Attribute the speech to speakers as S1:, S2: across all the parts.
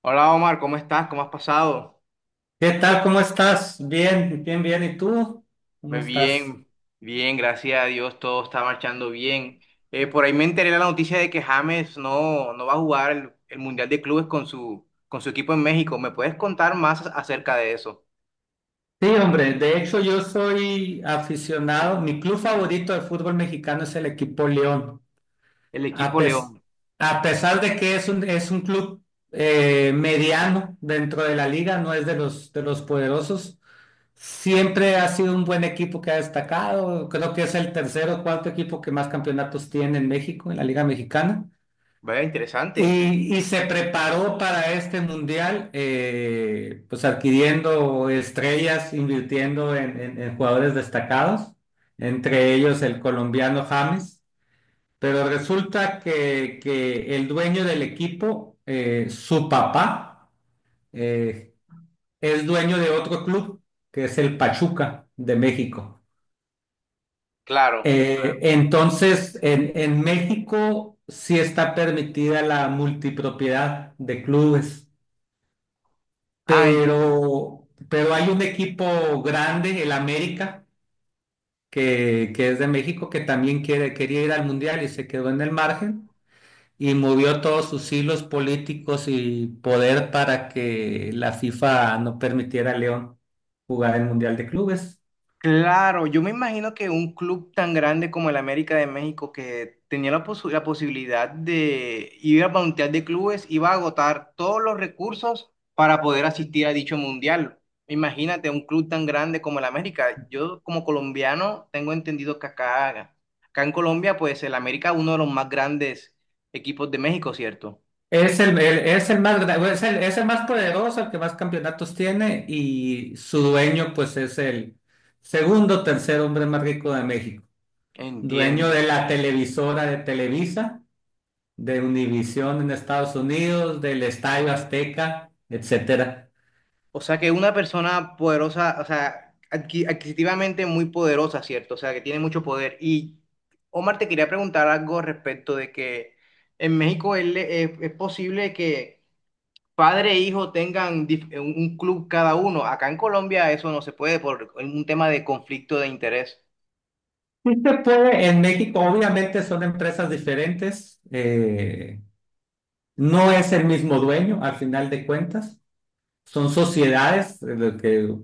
S1: Hola Omar, ¿cómo estás? ¿Cómo has pasado?
S2: ¿Qué tal? ¿Cómo estás? Bien, bien, bien. ¿Y tú? ¿Cómo
S1: Ve
S2: estás?
S1: Bien, bien, gracias a Dios, todo está marchando bien. Por ahí me enteré la noticia de que James no va a jugar el Mundial de Clubes con su equipo en México. ¿Me puedes contar más acerca de eso?
S2: Sí, hombre, de hecho yo soy aficionado. Mi club favorito de fútbol mexicano es el equipo León.
S1: El
S2: A,
S1: equipo
S2: pes-
S1: León.
S2: a pesar de que es un club, mediano dentro de la liga, no es de los poderosos. Siempre ha sido un buen equipo que ha destacado. Creo que es el tercero, o cuarto equipo que más campeonatos tiene en México, en la Liga Mexicana.
S1: Vaya, interesante.
S2: Y se preparó para este mundial, pues adquiriendo estrellas, invirtiendo en jugadores destacados, entre ellos el colombiano James, pero resulta que el dueño del equipo, su papá, eh, es dueño de otro club, que es el Pachuca de México.
S1: Claro.
S2: Entonces, en México sí está permitida la multipropiedad de clubes.
S1: Ah.
S2: Pero hay un equipo grande, el América, que es de México, que también quiere, quería ir al Mundial y se quedó en el margen y movió todos sus hilos políticos y poder para que la FIFA no permitiera a León jugar el Mundial de Clubes.
S1: Claro, yo me imagino que un club tan grande como el América de México que tenía la posibilidad de ir al Mundial de Clubes iba a agotar todos los recursos para poder asistir a dicho Mundial. Imagínate un club tan grande como el América. Yo como colombiano tengo entendido que acá, acá en Colombia pues el América es uno de los más grandes equipos de México, ¿cierto?
S2: Es el más poderoso, el que más campeonatos tiene, y su dueño pues es el segundo, o tercer hombre más rico de México, dueño
S1: Entiendo.
S2: de la televisora de Televisa, de Univision en Estados Unidos, del Estadio Azteca, etcétera.
S1: O sea que una persona poderosa, o sea, adquisitivamente muy poderosa, ¿cierto? O sea, que tiene mucho poder. Y Omar, te quería preguntar algo respecto de que en México es posible que padre e hijo tengan un club cada uno. Acá en Colombia eso no se puede por un tema de conflicto de interés.
S2: Sí se puede, en México obviamente son empresas diferentes. No es el mismo dueño al final de cuentas, son sociedades. Lo que,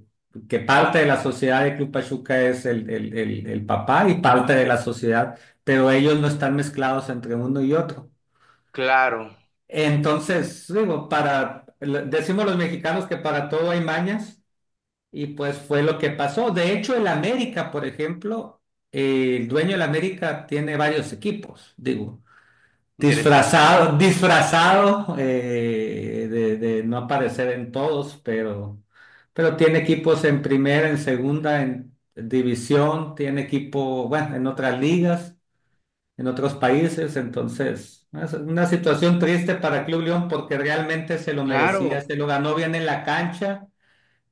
S2: que parte de la sociedad de Club Pachuca es el papá, y parte de la sociedad, pero ellos no están mezclados entre uno y otro.
S1: Claro,
S2: Entonces, digo, decimos los mexicanos que para todo hay mañas. Y pues fue lo que pasó. De hecho, el América, por ejemplo, el dueño del América tiene varios equipos, digo,
S1: interesante.
S2: disfrazado, disfrazado, de no aparecer en todos, pero tiene equipos en primera, en segunda, en división, tiene equipo, bueno, en otras ligas, en otros países. Entonces, es una situación triste para Club León porque realmente se lo merecía,
S1: Claro.
S2: se lo ganó bien en la cancha.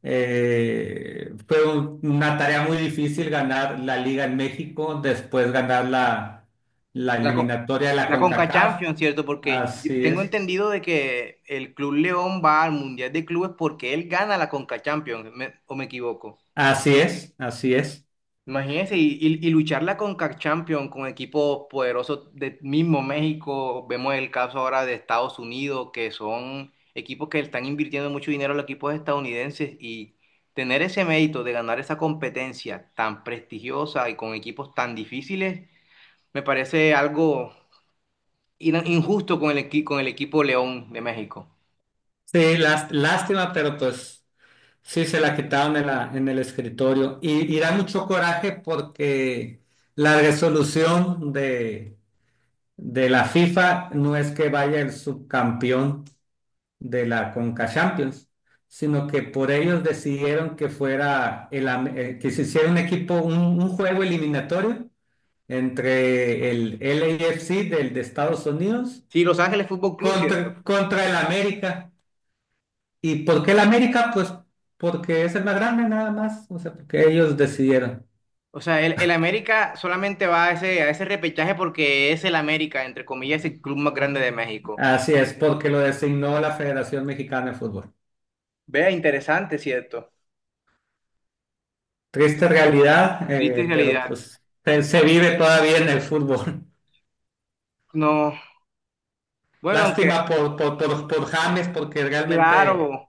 S2: Fue una tarea muy difícil ganar la Liga en México, después ganar la
S1: La, co-
S2: eliminatoria de la
S1: la Conca
S2: CONCACAF.
S1: Champions, ¿cierto? Porque yo
S2: Así
S1: tengo
S2: es,
S1: entendido de que el Club León va al Mundial de Clubes porque él gana la Conca Champions. ¿O me equivoco?
S2: así es, así es.
S1: Imagínense, y, y luchar la Conca Champions con equipos poderosos del mismo México. Vemos el caso ahora de Estados Unidos, que son equipos que están invirtiendo mucho dinero a los equipos estadounidenses y tener ese mérito de ganar esa competencia tan prestigiosa y con equipos tan difíciles. Me parece algo injusto con el equipo León de México.
S2: Sí, lástima, pero pues sí se la quitaron en el escritorio. Y da mucho coraje porque la resolución de la FIFA no es que vaya el subcampeón de la Conca Champions, sino que por ellos decidieron que fuera que se hiciera un equipo, un juego eliminatorio entre el LAFC del de Estados Unidos,
S1: Sí, Los Ángeles Fútbol Club, ¿cierto?
S2: contra el América. ¿Y por qué el América? Pues porque es el más grande, nada más. O sea, porque ellos decidieron.
S1: O sea, el América solamente va a ese repechaje porque es el América, entre comillas, el club más grande de México.
S2: Así es, porque lo designó la Federación Mexicana de Fútbol.
S1: Vea, interesante, ¿cierto?
S2: Triste realidad,
S1: Triste
S2: pero
S1: realidad.
S2: pues se vive todavía en el fútbol.
S1: No, bueno, aunque,
S2: Lástima por James, porque realmente
S1: claro.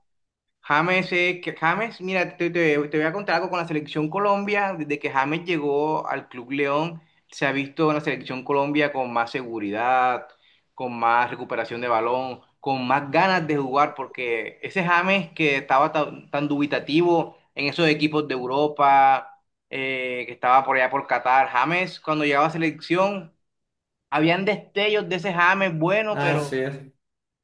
S1: James, que James, mira, te, te voy a contar algo con la selección Colombia. Desde que James llegó al Club León, se ha visto en la selección Colombia con más seguridad, con más recuperación de balón, con más ganas de jugar, porque ese James que estaba tan, tan dubitativo en esos equipos de Europa, que estaba por allá por Qatar, James, cuando llegaba a selección, habían destellos de ese James bueno,
S2: así
S1: pero
S2: es,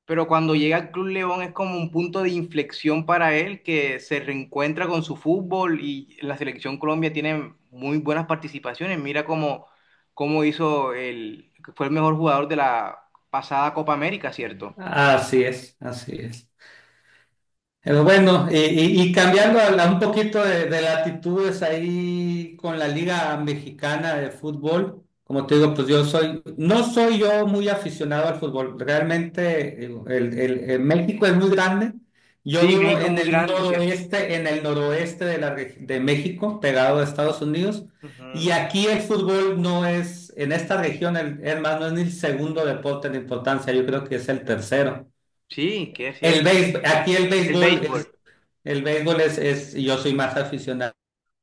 S1: cuando llega al Club León es como un punto de inflexión para él, que se reencuentra con su fútbol y la selección Colombia tiene muy buenas participaciones. Mira cómo, cómo hizo el, fue el mejor jugador de la pasada Copa América, ¿cierto?
S2: así es, así es. Pero bueno, y cambiando a un poquito de latitudes ahí con la Liga Mexicana de Fútbol, como te digo, pues yo soy, no soy yo muy aficionado al fútbol. Realmente el México es muy grande. Yo
S1: Sí,
S2: vivo
S1: México es muy grande, ¿cierto?
S2: en el noroeste de México, pegado a Estados Unidos, y
S1: Ujú.
S2: aquí el fútbol no es, en esta región, es más, no es ni el segundo deporte en importancia. Yo creo que es el tercero.
S1: Sí, que es cierto.
S2: Aquí el
S1: El
S2: béisbol es,
S1: béisbol.
S2: yo soy más aficionado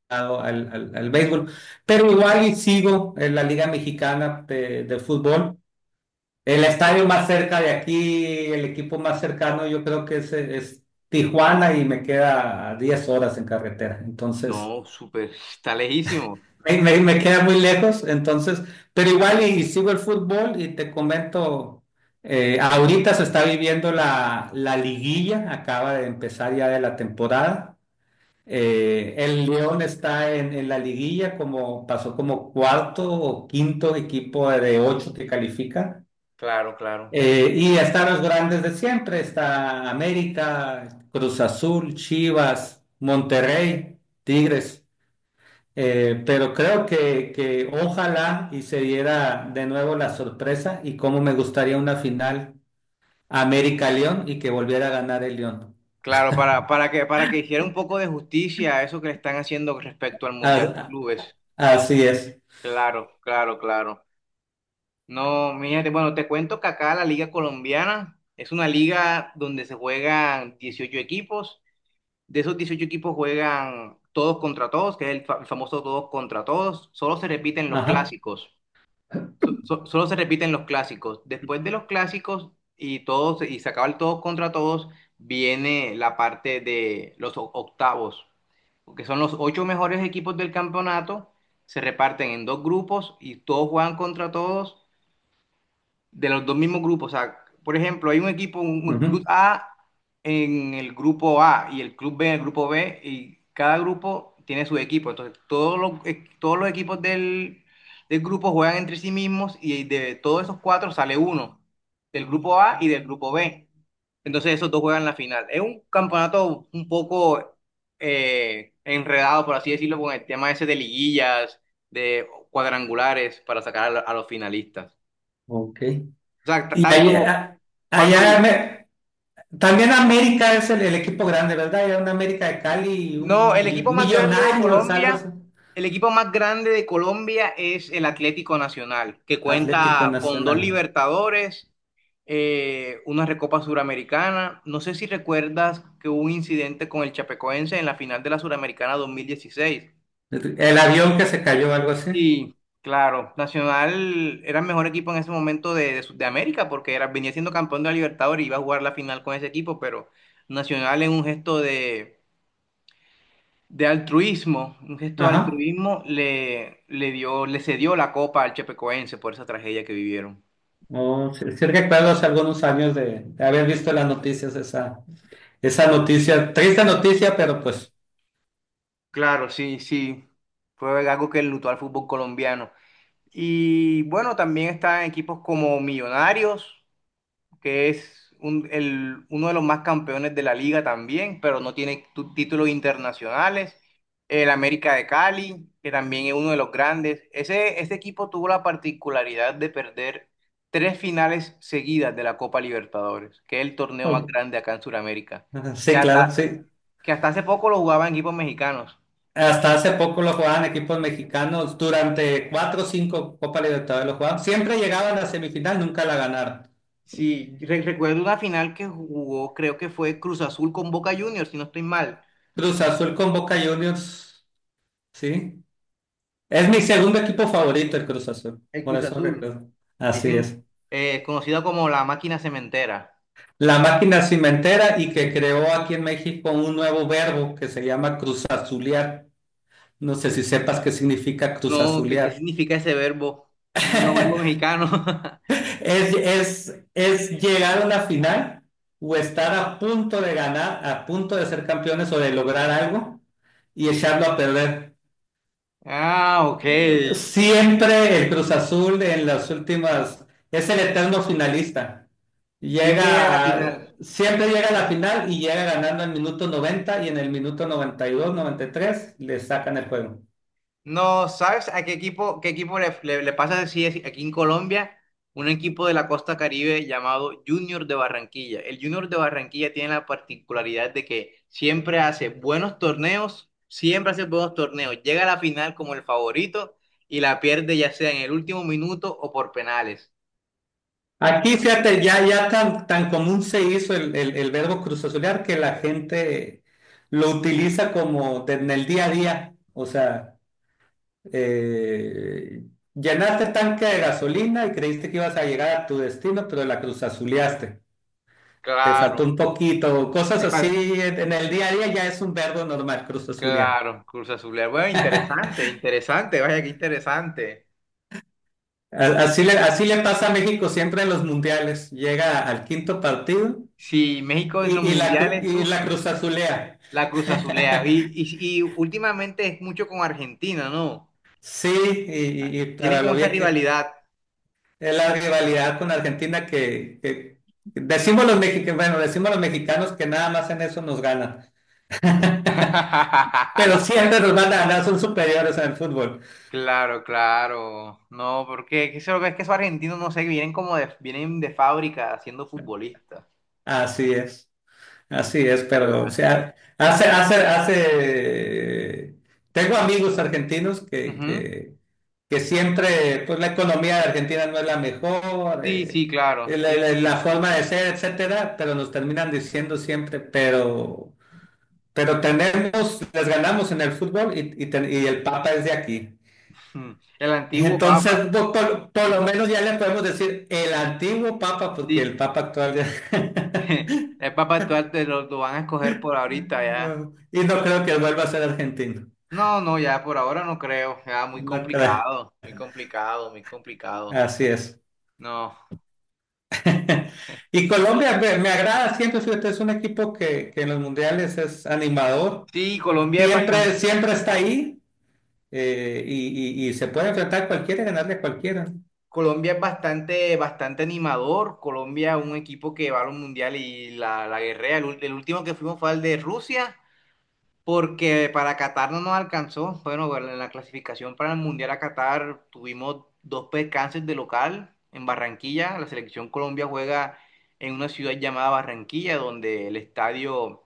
S2: al béisbol, pero igual y sigo en la Liga Mexicana de fútbol. El estadio más cerca de aquí, el equipo más cercano, yo creo que es Tijuana, y me queda a 10 horas en carretera. Entonces,
S1: No, súper, está lejísimo.
S2: me queda muy lejos. Entonces, pero igual, y sigo el fútbol, y te comento, ahorita se está viviendo la liguilla, acaba de empezar ya de la temporada. El León está en la liguilla, como pasó como cuarto o quinto equipo de ocho que califica.
S1: Claro, claro.
S2: Y están los grandes de siempre: está América, Cruz Azul, Chivas, Monterrey, Tigres. Pero creo que ojalá y se diera de nuevo la sorpresa. Y cómo me gustaría una final América-León, y que volviera a ganar el León.
S1: Claro, para que hiciera un poco de justicia a eso que le están haciendo respecto al Mundial de
S2: A-
S1: Clubes.
S2: Así es.
S1: Claro, claro, claro. No, mírate, bueno, te cuento que acá la Liga Colombiana es una liga donde se juegan 18 equipos. De esos 18 equipos juegan todos contra todos, que es el el famoso todos contra todos. Solo se repiten los
S2: Ajá.
S1: clásicos. Solo se repiten los clásicos. Después de los clásicos y todos y se acaba el todos contra todos, viene la parte de los octavos, que son los ocho mejores equipos del campeonato. Se reparten en dos grupos y todos juegan contra todos de los dos mismos grupos. O sea, por ejemplo, hay un equipo, un club
S2: Ujú.
S1: A en el grupo A y el club B en el grupo B y cada grupo tiene su equipo. Entonces, todos los equipos del, del grupo juegan entre sí mismos y de todos esos cuatro sale uno, del grupo A y del grupo B. Entonces, esos dos juegan la final. Es un campeonato un poco enredado, por así decirlo, con el tema ese de liguillas, de cuadrangulares para sacar a a los finalistas.
S2: Ok.
S1: O sea, t-
S2: Y
S1: tanto
S2: allá,
S1: cuando...
S2: allá, también América es el equipo grande, ¿verdad? Hay una América de Cali y un
S1: No, el equipo más grande de
S2: Millonarios, algo así.
S1: Colombia, el equipo más grande de Colombia es el Atlético Nacional, que
S2: Atlético
S1: cuenta con dos
S2: Nacional.
S1: Libertadores, una Recopa Suramericana. No sé si recuerdas que hubo un incidente con el Chapecoense en la final de la Suramericana 2016.
S2: El avión que se cayó, algo así.
S1: Sí, claro. Nacional era el mejor equipo en ese momento de de América porque era, venía siendo campeón de la Libertadores y iba a jugar la final con ese equipo, pero Nacional en un gesto de altruismo, un gesto de
S2: Ajá.
S1: altruismo le, le dio, le cedió la copa al Chepecoense por esa tragedia que vivieron.
S2: No, sí, sí recuerdo hace algunos años de haber visto en las noticias esa, esa
S1: Sí,
S2: noticia, triste noticia, pero pues,
S1: claro, sí, sí. Fue algo que enlutó al fútbol colombiano. Y bueno, también están equipos como Millonarios, que es uno de los más campeones de la liga también, pero no tiene títulos internacionales. El América de Cali, que también es uno de los grandes. Ese equipo tuvo la particularidad de perder tres finales seguidas de la Copa Libertadores, que es el torneo más
S2: oh.
S1: grande acá en Sudamérica,
S2: Ajá,
S1: que
S2: sí, claro,
S1: hasta,
S2: sí.
S1: que hasta hace poco lo jugaban equipos mexicanos.
S2: Hasta hace poco lo jugaban equipos mexicanos, durante cuatro o cinco Copa Libertadores lo jugaban, siempre llegaban a la semifinal, nunca la ganaron.
S1: Sí, recuerdo una final que jugó, creo que fue Cruz Azul con Boca Juniors, si no estoy mal.
S2: Cruz Azul con Boca Juniors, sí. Es mi segundo equipo favorito, el Cruz Azul,
S1: El
S2: por
S1: Cruz
S2: eso
S1: Azul.
S2: recuerdo. Así es.
S1: Dicen, conocida como la máquina cementera.
S2: La máquina cimentera, y que creó aquí en México un nuevo verbo que se llama Cruz. No sé si sepas qué significa Cruz
S1: No, ¿qué, qué
S2: Azulear.
S1: significa ese verbo? Un verbo mexicano.
S2: Es llegar a la final, o estar a punto de ganar, a punto de ser campeones o de lograr algo, y echarlo a perder.
S1: Ah, ok.
S2: Siempre el Cruz Azul, en las últimas, es el eterno finalista.
S1: Siempre llega a la final.
S2: Siempre llega a la final, y llega ganando en el minuto 90, y en el minuto 92, 93 le sacan el juego.
S1: No, ¿sabes a qué equipo le, le, le pasa así así aquí en Colombia? Un equipo de la Costa Caribe llamado Junior de Barranquilla. El Junior de Barranquilla tiene la particularidad de que siempre hace buenos torneos, siempre hace buenos torneos, llega a la final como el favorito y la pierde ya sea en el último minuto o por penales.
S2: Aquí, fíjate, ya, ya tan, tan común se hizo el verbo cruzazulear, que la gente lo utiliza como en el día a día. O sea, eh, llenaste tanque de gasolina y creíste que ibas a llegar a tu destino, pero la cruzazuleaste. Te
S1: Claro,
S2: faltó un poquito, cosas
S1: le fal-
S2: así. En el día a día ya es un verbo normal, cruzazulear.
S1: claro, Cruz Azul. Bueno, interesante, interesante, vaya, qué interesante. Qué
S2: Así le,
S1: inter-.
S2: así le pasa a México siempre en los mundiales. Llega al quinto partido
S1: Si México es los mundiales,
S2: y la cruzazulea.
S1: la Cruz Azulea. Y últimamente es mucho con Argentina, ¿no?
S2: Sí, y
S1: Tienen
S2: para lo
S1: como esa
S2: bien que
S1: rivalidad.
S2: es la rivalidad con Argentina, decimos los mexicanos, bueno, decimos los mexicanos que nada más en eso nos ganan, pero siempre nos van a ganar, son superiores en el fútbol.
S1: Claro, claro. No, porque es que eso- es que esos argentinos, no sé, vienen como de, vienen de fábrica siendo futbolistas.
S2: Así es, así es. Pero, o
S1: Ya.
S2: sea, tengo amigos argentinos que,
S1: Ujú.
S2: que, que siempre, pues la economía de Argentina no es la mejor,
S1: Sí, sí, claro.
S2: la,
S1: Ellos
S2: la-
S1: tienen.
S2: la forma de ser, etcétera, pero nos terminan diciendo siempre, pero. Pero les ganamos en el fútbol, y el Papa es de aquí.
S1: Mm. El antiguo Papa.
S2: Entonces, no, por lo menos ya le podemos decir el antiguo Papa, porque el
S1: Sí.
S2: Papa actual ya.
S1: El Papa actual te lo van a escoger por ahorita ya.
S2: No, y no creo que vuelva a ser argentino.
S1: No, no, ya por ahora no creo. Ya muy
S2: No creo.
S1: complicado, muy complicado, muy complicado.
S2: Así es.
S1: No.
S2: Y Colombia me agrada siempre, fíjate, es un equipo que en los mundiales es animador.
S1: Sí,
S2: Siempre, siempre está ahí, y se puede enfrentar a cualquiera y ganarle a cualquiera.
S1: Colombia es bastante, bastante animador. Colombia es un equipo que va a los mundiales y la guerrea. El último que fuimos fue al de Rusia, porque para Qatar no nos alcanzó. Bueno, bueno, en la clasificación para el mundial a Qatar tuvimos dos percances de local en Barranquilla. La selección Colombia juega en una ciudad llamada Barranquilla, donde el estadio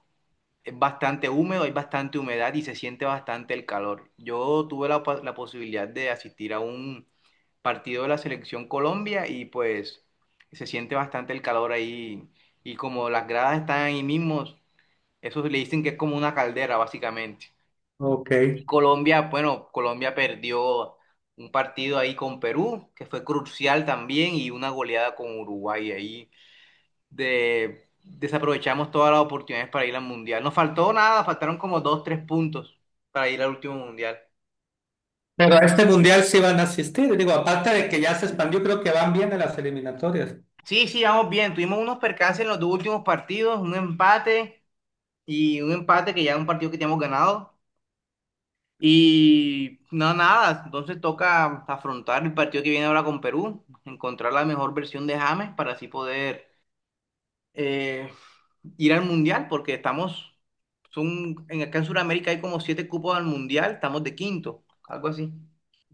S1: es bastante húmedo, hay bastante humedad y se siente bastante el calor. Yo tuve la posibilidad de asistir a un partido de la selección Colombia y pues se siente bastante el calor ahí y como las gradas están ahí mismos, eso le dicen que es como una caldera básicamente.
S2: Ok.
S1: Y Colombia, bueno, Colombia perdió un partido ahí con Perú, que fue crucial también, y una goleada con Uruguay ahí. Desaprovechamos todas las oportunidades para ir al Mundial. Nos faltó nada, faltaron como dos, tres puntos para ir al último Mundial.
S2: Pero a este mundial sí van a asistir, digo, aparte de que ya se expandió, creo que van bien en las eliminatorias.
S1: Sí, sí, vamos bien. Tuvimos unos percances en los dos últimos partidos, un empate y un empate que ya es un partido que teníamos ganado. Y no, nada, entonces toca afrontar el partido que viene ahora con Perú, encontrar la mejor versión de James para así poder eh, ir al Mundial, porque estamos, son, en acá en Sudamérica hay como siete cupos al Mundial, estamos de quinto, algo así.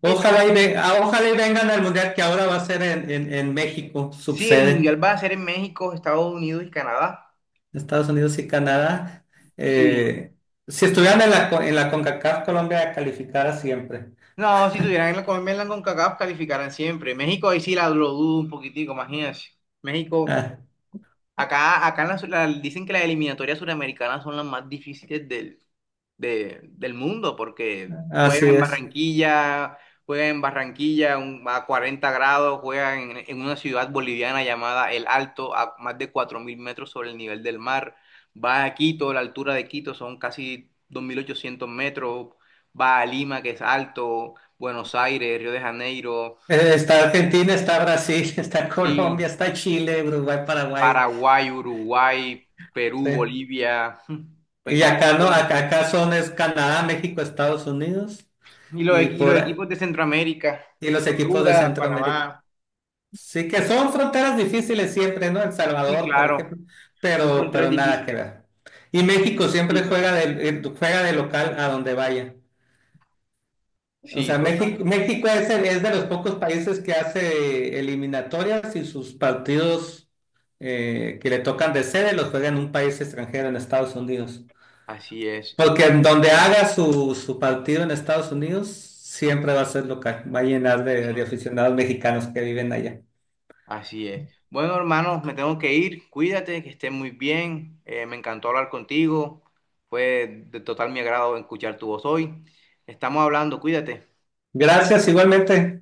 S1: Sí,
S2: Ojalá
S1: estamos-
S2: y, ve- ah, ojalá y vengan al mundial, que ahora va a ser en México,
S1: sí, el
S2: subsede,
S1: Mundial va a ser en México, Estados Unidos y Canadá.
S2: Estados Unidos y Canadá.
S1: Sí.
S2: Eh, si estuvieran en la CONCACAF, Colombia calificara siempre.
S1: No, si tuvieran la con Conca CONCACAF, calificaran siempre. México ahí sí la lo dudo un poquitico, imagínense. México
S2: Ah,
S1: acá, acá en dicen que las eliminatorias suramericanas son las más difíciles del mundo porque
S2: así es.
S1: Juegan en Barranquilla a 40 grados, juegan en una ciudad boliviana llamada El Alto, a más de 4.000 metros sobre el nivel del mar. Va a Quito, la altura de Quito son casi 2.800 metros. Va a Lima, que es alto, Buenos Aires, Río de Janeiro.
S2: Está Argentina, está Brasil, está Colombia, está Chile, Uruguay, Paraguay.
S1: Paraguay, Uruguay,
S2: Sí.
S1: Perú, Bolivia,
S2: Y
S1: equipos
S2: acá no,
S1: buenos.
S2: acá son, es Canadá, México, Estados Unidos.
S1: Y los,
S2: Y
S1: equi- y los
S2: por,
S1: equipos de Centroamérica,
S2: Y los equipos de
S1: Honduras,
S2: Centroamérica.
S1: Panamá.
S2: Sí que son fronteras difíciles siempre, ¿no? El
S1: Sí,
S2: Salvador, por
S1: claro,
S2: ejemplo,
S1: son
S2: pero,
S1: fronteras
S2: pero nada que
S1: difíciles.
S2: ver. Y México
S1: Sí,
S2: siempre juega
S1: total.
S2: de, eh, juega de local a donde vaya. O
S1: Sí,
S2: sea, México,
S1: total.
S2: México es, el- es de los pocos países que hace eliminatorias, y sus partidos, que le tocan de sede, los juega en un país extranjero, en Estados Unidos.
S1: Así es.
S2: Porque en donde haga su partido en Estados Unidos, siempre va a ser local, va a llenar de
S1: Siempre.
S2: aficionados mexicanos que viven allá.
S1: Así es. Bueno, hermanos, me tengo que ir. Cuídate, que estés muy bien. Me encantó hablar contigo. Fue de total mi agrado escuchar tu voz hoy. Estamos hablando, cuídate.
S2: Gracias, igualmente.